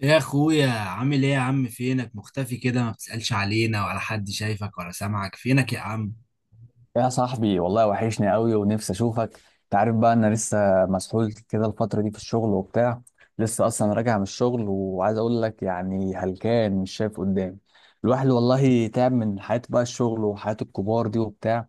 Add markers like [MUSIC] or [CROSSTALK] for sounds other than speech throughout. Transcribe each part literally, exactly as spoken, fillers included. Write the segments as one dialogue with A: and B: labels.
A: يا اخويا، عامل ايه يا عم؟ فينك مختفي كده؟ ما بتسألش علينا ولا حد شايفك ولا سامعك؟ فينك يا عم؟
B: يا صاحبي والله وحشني قوي ونفسي اشوفك. تعرف بقى انا لسه مسحول كده الفتره دي في الشغل وبتاع. لسه اصلا راجع من الشغل وعايز اقول لك يعني هلكان مش شايف قدامي. الواحد والله تعب من حياته بقى، الشغل وحياة الكبار دي وبتاع.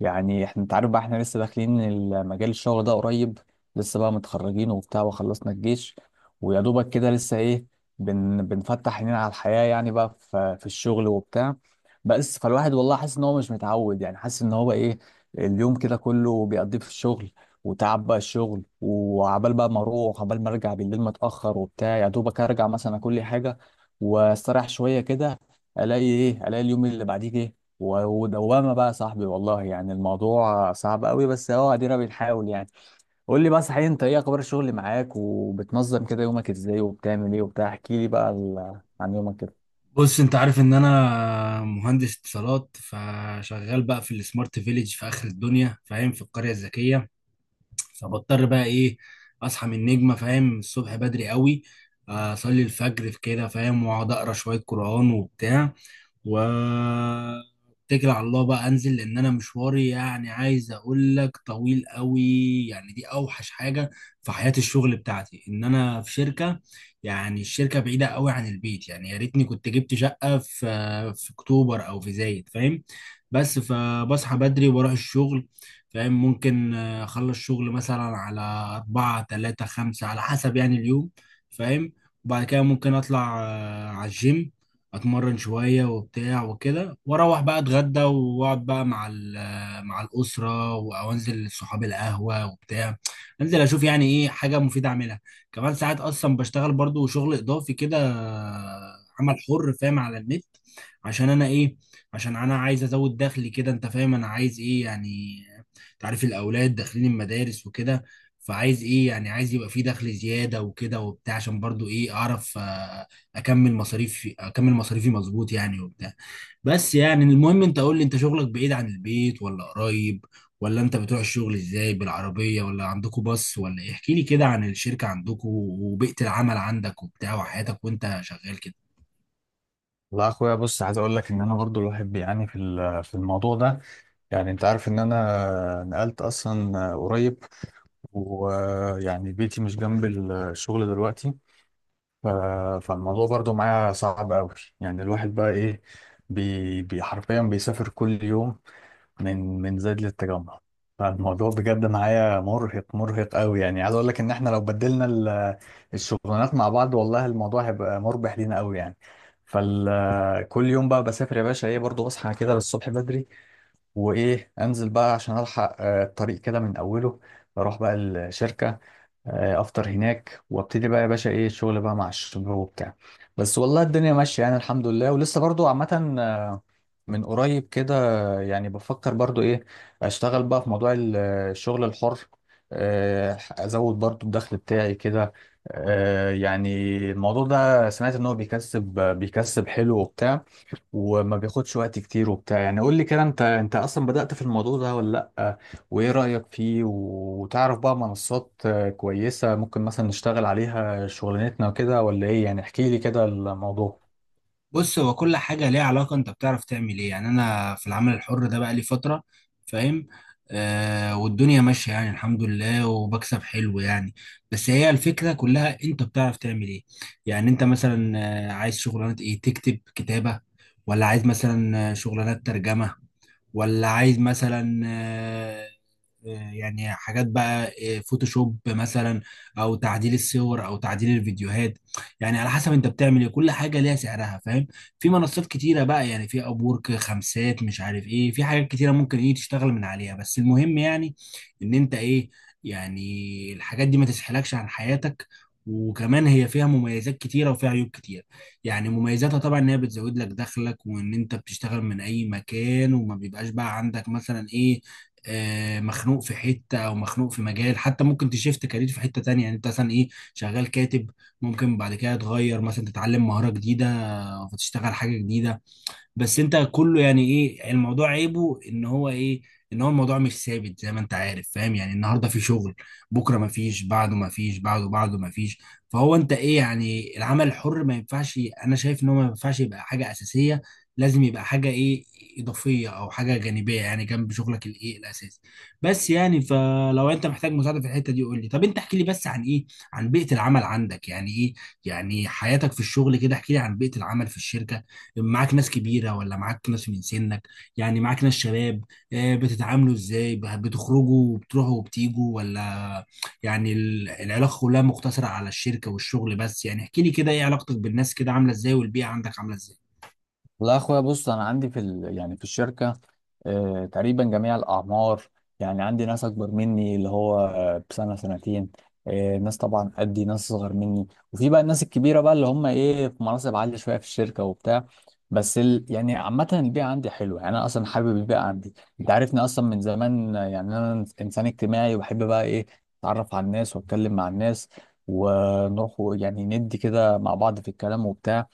B: يعني احنا، انت عارف بقى، احنا لسه داخلين المجال الشغل ده قريب. لسه بقى متخرجين وبتاع وخلصنا الجيش ويا دوبك كده لسه ايه، بن بنفتح عينينا على الحياة يعني بقى في, في الشغل وبتاع. بس فالواحد والله حاسس ان هو مش متعود، يعني حاسس ان هو ايه، اليوم كده كله بيقضيه في الشغل وتعب بقى الشغل، وعبال بقى ما اروح عبال ما ارجع بالليل متأخر وبتاع. يا دوبك ارجع مثلا كل حاجة واستريح شوية كده، الاقي ايه، الاقي اليوم اللي بعديه جه و- ودوامه بقى. يا صاحبي والله يعني الموضوع صعب قوي، بس اهو ادينا بنحاول يعني. قول لي بقى، صحيح انت ايه اخبار الشغل معاك، وبتنظم كده يومك ازاي، وبتعمل ايه وبتاع؟ احكي لي بقى ال- عن يومك كده.
A: بص، انت عارف ان انا مهندس اتصالات، فشغال بقى في السمارت فيليج في اخر الدنيا، فاهم؟ في القرية الذكية. فبضطر بقى ايه، اصحى من النجمة، فاهم؟ الصبح بدري قوي. آه، اصلي الفجر في كده، فاهم؟ واقعد اقرا شوية قرآن وبتاع، واتكل على الله بقى انزل، لان انا مشواري يعني عايز اقول لك طويل قوي. يعني دي اوحش حاجه في حياه الشغل بتاعتي، ان انا في شركه، يعني الشركه بعيده قوي عن البيت، يعني يا ريتني كنت جبت شقه في في اكتوبر او في زايد، فاهم؟ بس فبصحى بدري واروح الشغل، فاهم؟ ممكن آه، اخلص شغل مثلا على أربعة، تلاتة، خمسة، على حسب يعني اليوم، فاهم؟ وبعد كده ممكن اطلع آه، على الجيم، اتمرن شويه وبتاع وكده، واروح بقى اتغدى، واقعد بقى مع ال- مع الاسره، او انزل لصحابي القهوه وبتاع، انزل اشوف يعني ايه حاجه مفيده اعملها. كمان ساعات اصلا بشتغل برضو شغل اضافي كده، عمل حر، فاهم؟ على النت. عشان انا ايه، عشان انا عايز ازود دخلي كده، انت فاهم انا عايز ايه يعني. تعرف الاولاد داخلين المدارس وكده، فعايز ايه يعني، عايز يبقى في دخل زياده وكده وبتاع، عشان برضو ايه، اعرف اكمل مصاريفي، اكمل مصاريفي، مظبوط يعني وبتاع. بس يعني المهم، انت قول لي، انت شغلك بعيد عن البيت ولا قريب؟ ولا انت بتروح الشغل ازاي، بالعربية ولا عندكوا باص ولا ايه؟ احكي لي كده عن الشركة عندكوا وبيئة العمل عندك وبتاع وحياتك وانت شغال كده.
B: والله يا اخويا بص، عايز اقول لك ان انا برضو الواحد بيعاني في ال- في الموضوع ده. يعني انت عارف ان انا نقلت اصلا قريب، ويعني بيتي مش جنب الشغل دلوقتي. ف- فالموضوع برضو معايا صعب قوي. يعني الواحد بقى ايه، بي بي- حرفيا بيسافر كل يوم، من من زايد للتجمع. فالموضوع بجد معايا مرهق مرهق قوي. يعني عايز اقول لك ان احنا لو بدلنا ال- الشغلانات مع بعض والله الموضوع هيبقى مربح لينا قوي يعني. فكل يوم بقى بسافر يا باشا ايه، برضو اصحى كده للصبح بدري، وايه انزل بقى عشان الحق آه، الطريق كده من اوله. بروح بقى الشركة، آه، افطر هناك وابتدي بقى يا باشا ايه الشغل بقى مع الشباب وبتاع. بس والله الدنيا ماشيه يعني الحمد لله، ولسه برضو عامه آه، من قريب كده آه، يعني بفكر برضو ايه، اشتغل بقى في موضوع ال- الشغل الحر. آه، ازود برضو الدخل بتاعي كده. آه، يعني الموضوع ده سمعت ان هو بيكسب، بيكسب حلو وبتاع، وما بياخدش وقت كتير وبتاع. يعني قول لي كده، انت انت اصلا بدأت في الموضوع ده ولا لأ؟ وايه رأيك فيه؟ وتعرف بقى منصات آه، كويسة ممكن مثلا نشتغل عليها شغلانتنا وكده ولا ايه؟ يعني احكي لي كده الموضوع.
A: بص، هو كل حاجة ليها علاقة انت بتعرف تعمل ايه. يعني انا في العمل الحر ده بقى لي فترة، فاهم؟ آه والدنيا ماشية يعني، الحمد لله، وبكسب حلو يعني. بس هي الفكرة كلها، انت بتعرف تعمل ايه. يعني انت مثلا آه، عايز شغلانة ايه، تكتب كتابة، ولا عايز مثلا آه، شغلانات ترجمة، ولا عايز مثلا آه، آه، يعني حاجات بقى، آه، فوتوشوب مثلا، او تعديل الصور، او تعديل الفيديوهات. يعني على حسب انت بتعمل ايه، كل حاجه ليها سعرها، فاهم؟ في منصات كتيره بقى، يعني في ابورك، خمسات، مش عارف ايه، في حاجات كتيره ممكن ايه تشتغل من عليها، بس المهم يعني، ان انت ايه، يعني الحاجات دي ما تسحلكش عن حياتك. وكمان هي فيها مميزات كتيره وفيها عيوب كتيره. يعني مميزاتها طبعا ان هي بتزود لك دخلك، وان انت بتشتغل من اي مكان، وما بيبقاش بقى عندك مثلا ايه، آه مخنوق في حته او مخنوق في مجال، حتى ممكن تشيفت كارير في حته تانية، يعني انت مثلا ايه، شغال كاتب، ممكن بعد كده تغير مثلا، تتعلم مهاره جديده، فتشتغل حاجه جديده. بس انت كله يعني ايه، الموضوع عيبه ان هو ايه، ان هو الموضوع مش ثابت زي ما انت عارف، فاهم؟ يعني النهارده في شغل، بكره ما فيش، بعده ما فيش، بعده بعده ما فيش. فهو انت ايه، يعني العمل الحر ما ينفعش. انا شايف ان هو ما ينفعش يبقى حاجه اساسيه، لازم يبقى حاجه ايه، اضافيه او حاجه جانبيه، يعني جنب شغلك الايه الاساسي. بس يعني، فلو انت محتاج مساعده في الحته دي قول لي. طب انت احكي لي بس عن ايه، عن بيئه العمل عندك يعني ايه، يعني حياتك في الشغل كده، احكي لي عن بيئه العمل في الشركه، معاك ناس كبيره ولا معاك ناس من سنك؟ يعني معاك ناس شباب؟ آه، بتتعاملوا ازاي، بتخرجوا وبتروحوا وبتيجوا، ولا يعني ال- العلاقه كلها مقتصره على الشركه والشغل بس؟ يعني احكي لي كده، ايه علاقتك بالناس كده، عامله ازاي؟ والبيئه عندك عامله ازاي؟
B: والله يا اخويا بص، انا عندي في ال... يعني في الشركه آه تقريبا جميع الاعمار. يعني عندي ناس اكبر مني اللي هو آه، بسنه سنتين، آه، ناس طبعا قدي، ناس صغر مني، وفي بقى الناس الكبيره بقى اللي هم ايه في مناصب عاليه شويه في الشركه وبتاع. بس ال... يعني عامه البيئه عندي حلوه. يعني انا اصلا حابب البيئه عندي. انت عارفني اصلا من زمان، آه، يعني انا انسان اجتماعي وبحب بقى ايه، اتعرف على الناس واتكلم مع الناس ونروح يعني ندي كده مع بعض في الكلام وبتاع.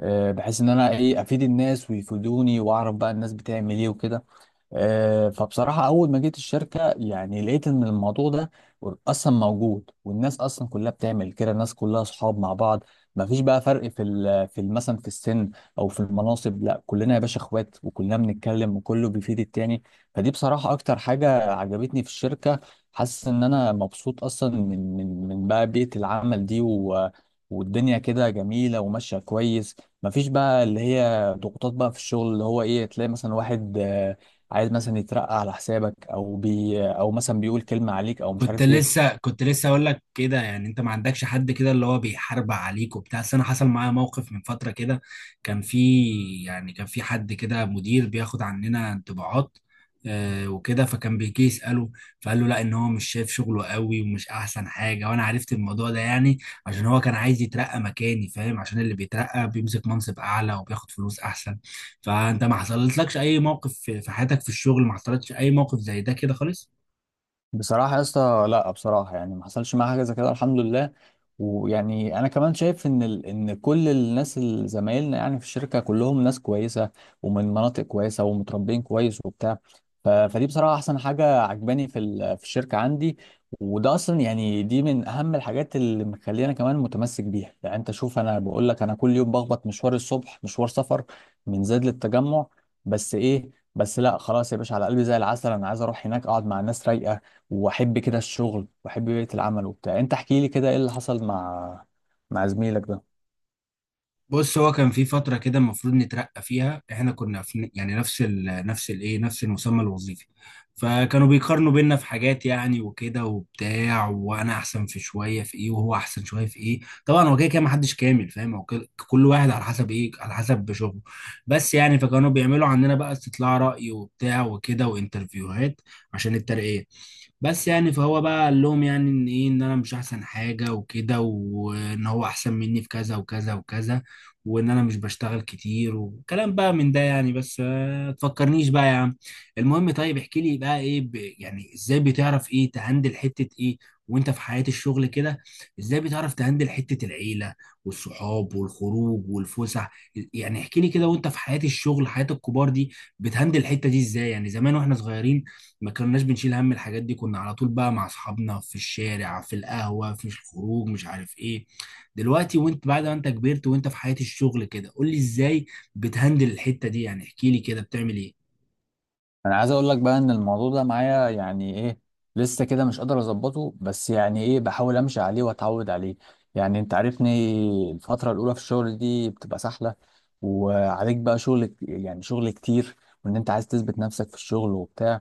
B: آه، بحيث ان انا ايه، افيد الناس ويفيدوني واعرف بقى الناس بتعمل ايه وكده. آه، فبصراحة أول ما جيت الشركة يعني لقيت إن الموضوع ده أصلا موجود، والناس أصلا كلها بتعمل كده. الناس كلها أصحاب مع بعض، مفيش بقى فرق في ال في ال- مثلا في السن أو في المناصب. لا، كلنا يا باشا إخوات، وكلنا بنتكلم، وكله بيفيد التاني. فدي بصراحة أكتر حاجة عجبتني في الشركة. حاسس إن أنا مبسوط أصلا من من من بقى بيئة العمل دي، و والدنيا كده جميلة وماشية كويس. مفيش بقى اللي هي ضغوطات بقى في الشغل، اللي هو ايه، تلاقي مثلا واحد عايز مثلا يترقى على حسابك، او بي او مثلا بيقول كلمه عليك او مش
A: كنت
B: عارف ايه.
A: لسه كنت لسه اقول لك كده، يعني انت ما عندكش حد كده اللي هو بيحارب عليك وبتاع. بس انا حصل معايا موقف من فتره كده، كان في، يعني كان في حد كده مدير بياخد عننا انطباعات، آه، وكده، فكان بيجي يساله، فقال له لا، ان هو مش شايف شغله قوي ومش احسن حاجه. وانا عرفت الموضوع ده يعني، عشان هو كان عايز يترقى مكاني، فاهم؟ عشان اللي بيترقى بيمسك منصب اعلى وبياخد فلوس احسن. فانت ما حصلتلكش اي موقف، في في حياتك في الشغل ما حصلتش اي موقف زي ده كده خالص؟
B: بصراحة يا اسطى لا، بصراحة يعني ما حصلش معايا حاجة زي كده الحمد لله. ويعني أنا كمان شايف إن ال... إن كل الناس اللي زمايلنا يعني في الشركة كلهم ناس كويسة، ومن مناطق كويسة ومتربين كويس وبتاع. ف... فدي بصراحة أحسن حاجة عجباني في ال... في الشركة عندي. وده أصلا يعني دي من أهم الحاجات اللي مخلينا كمان متمسك بيها. يعني أنت شوف، أنا بقول لك أنا كل يوم بخبط مشوار الصبح، مشوار سفر من زايد للتجمع. بس إيه، بس لا خلاص يا باشا على قلبي زي العسل. انا عايز اروح هناك اقعد مع ناس رايقه، واحب كده الشغل، واحب بيئة العمل وبتاع. انت احكي لي كده ايه اللي حصل مع مع زميلك ده.
A: بص، هو كان في فترة كده المفروض نترقى فيها، احنا كنا في يعني نفس ال نفس الايه نفس المسمى الوظيفي، فكانوا بيقارنوا بينا في حاجات يعني وكده وبتاع، وانا احسن في شوية في ايه، وهو احسن شوية في ايه. طبعا هو كده كده محدش كامل، فاهم؟ هو كل كل واحد على حسب ايه، على حسب شغله. بس يعني، فكانوا بيعملوا عندنا بقى استطلاع رأي وبتاع وكده وانترفيوهات عشان الترقية. بس يعني، فهو بقى قال لهم يعني ان ايه، ان انا مش احسن حاجه وكده، وان هو احسن مني في كذا وكذا وكذا، وان انا مش بشتغل كتير وكلام بقى من ده يعني. بس آه، تفكرنيش بقى يا عم. المهم طيب، احكي لي بقى ايه، ب... يعني ازاي بتعرف ايه تهندل حته ايه وانت في حياه الشغل كده؟ ازاي بتعرف تهندل حته العيله والصحاب والخروج والفسح؟ يعني احكي لي كده، وانت في حياه الشغل، حياه الكبار دي، بتهندل الحته دي ازاي؟ يعني زمان واحنا صغيرين ما كناش بنشيل هم الحاجات دي، كنا على طول بقى مع اصحابنا في الشارع، في القهوة، في الخروج، مش عارف ايه. دلوقتي وانت بعد ما انت كبرت، وانت في حياة الشغل كده، قول لي ازاي بتهندل الحتة دي، يعني احكي لي كده بتعمل ايه.
B: انا عايز اقول لك بقى ان الموضوع ده معايا يعني ايه، لسه كده مش قادر اظبطه، بس يعني ايه، بحاول امشي عليه واتعود عليه. يعني انت عارفني، الفترة الاولى في الشغل دي بتبقى سهلة، وعليك بقى شغل، يعني شغل كتير، وان انت عايز تثبت نفسك في الشغل وبتاع.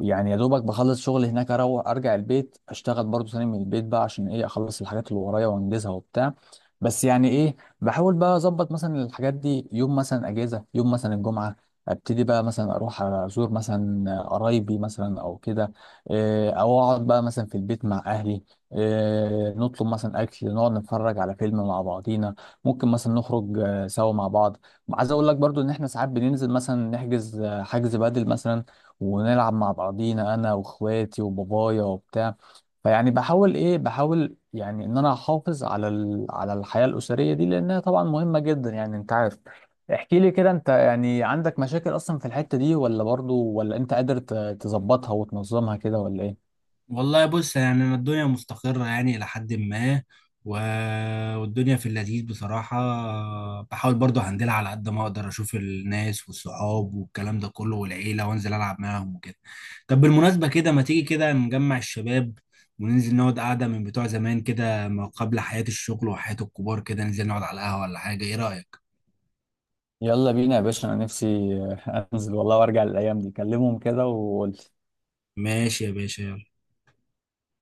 B: يعني يا دوبك بخلص شغل هناك اروح ارجع البيت اشتغل برضو تاني من البيت بقى عشان ايه اخلص الحاجات اللي ورايا وانجزها وبتاع. بس يعني ايه، بحاول بقى اظبط مثلا الحاجات دي. يوم مثلا اجازه، يوم مثلا الجمعه، ابتدي بقى مثلا اروح ازور مثلا قرايبي مثلا او كده، إيه، او اقعد بقى مثلا في البيت مع اهلي، إيه، نطلب مثلا اكل، نقعد نتفرج على فيلم مع بعضينا. ممكن مثلا نخرج آه، سوا مع بعض. عايز اقول لك برضو ان احنا ساعات بننزل مثلا نحجز آه، حجز بدل مثلا، ونلعب مع بعضينا انا واخواتي وبابايا وبتاع. فيعني بحاول ايه، بحاول يعني ان انا احافظ على ال... على الحياة الأسرية دي لانها طبعا مهمة جدا يعني انت عارف. احكي لي كده، انت يعني عندك مشاكل اصلا في الحتة دي، ولا برضو ولا انت قادر ت- تظبطها وتنظمها كده، ولا ايه؟
A: والله بص، يعني أنا الدنيا مستقرة يعني إلى حد ما، و... والدنيا في اللذيذ بصراحة. بحاول برضو هندلها على قد ما أقدر، أشوف الناس والصحاب والكلام ده كله والعيلة، وأنزل ألعب معاهم وكده. طب بالمناسبة كده، ما تيجي كده نجمع الشباب وننزل نقعد قعدة من بتوع زمان كده، ما قبل حياة الشغل وحياة الكبار كده، ننزل نقعد على القهوة ولا حاجة، إيه رأيك؟
B: يلا بينا يا باشا، انا نفسي [LAUGHS] انزل والله وارجع للايام دي. كلمهم كده.
A: ماشي يا باشا.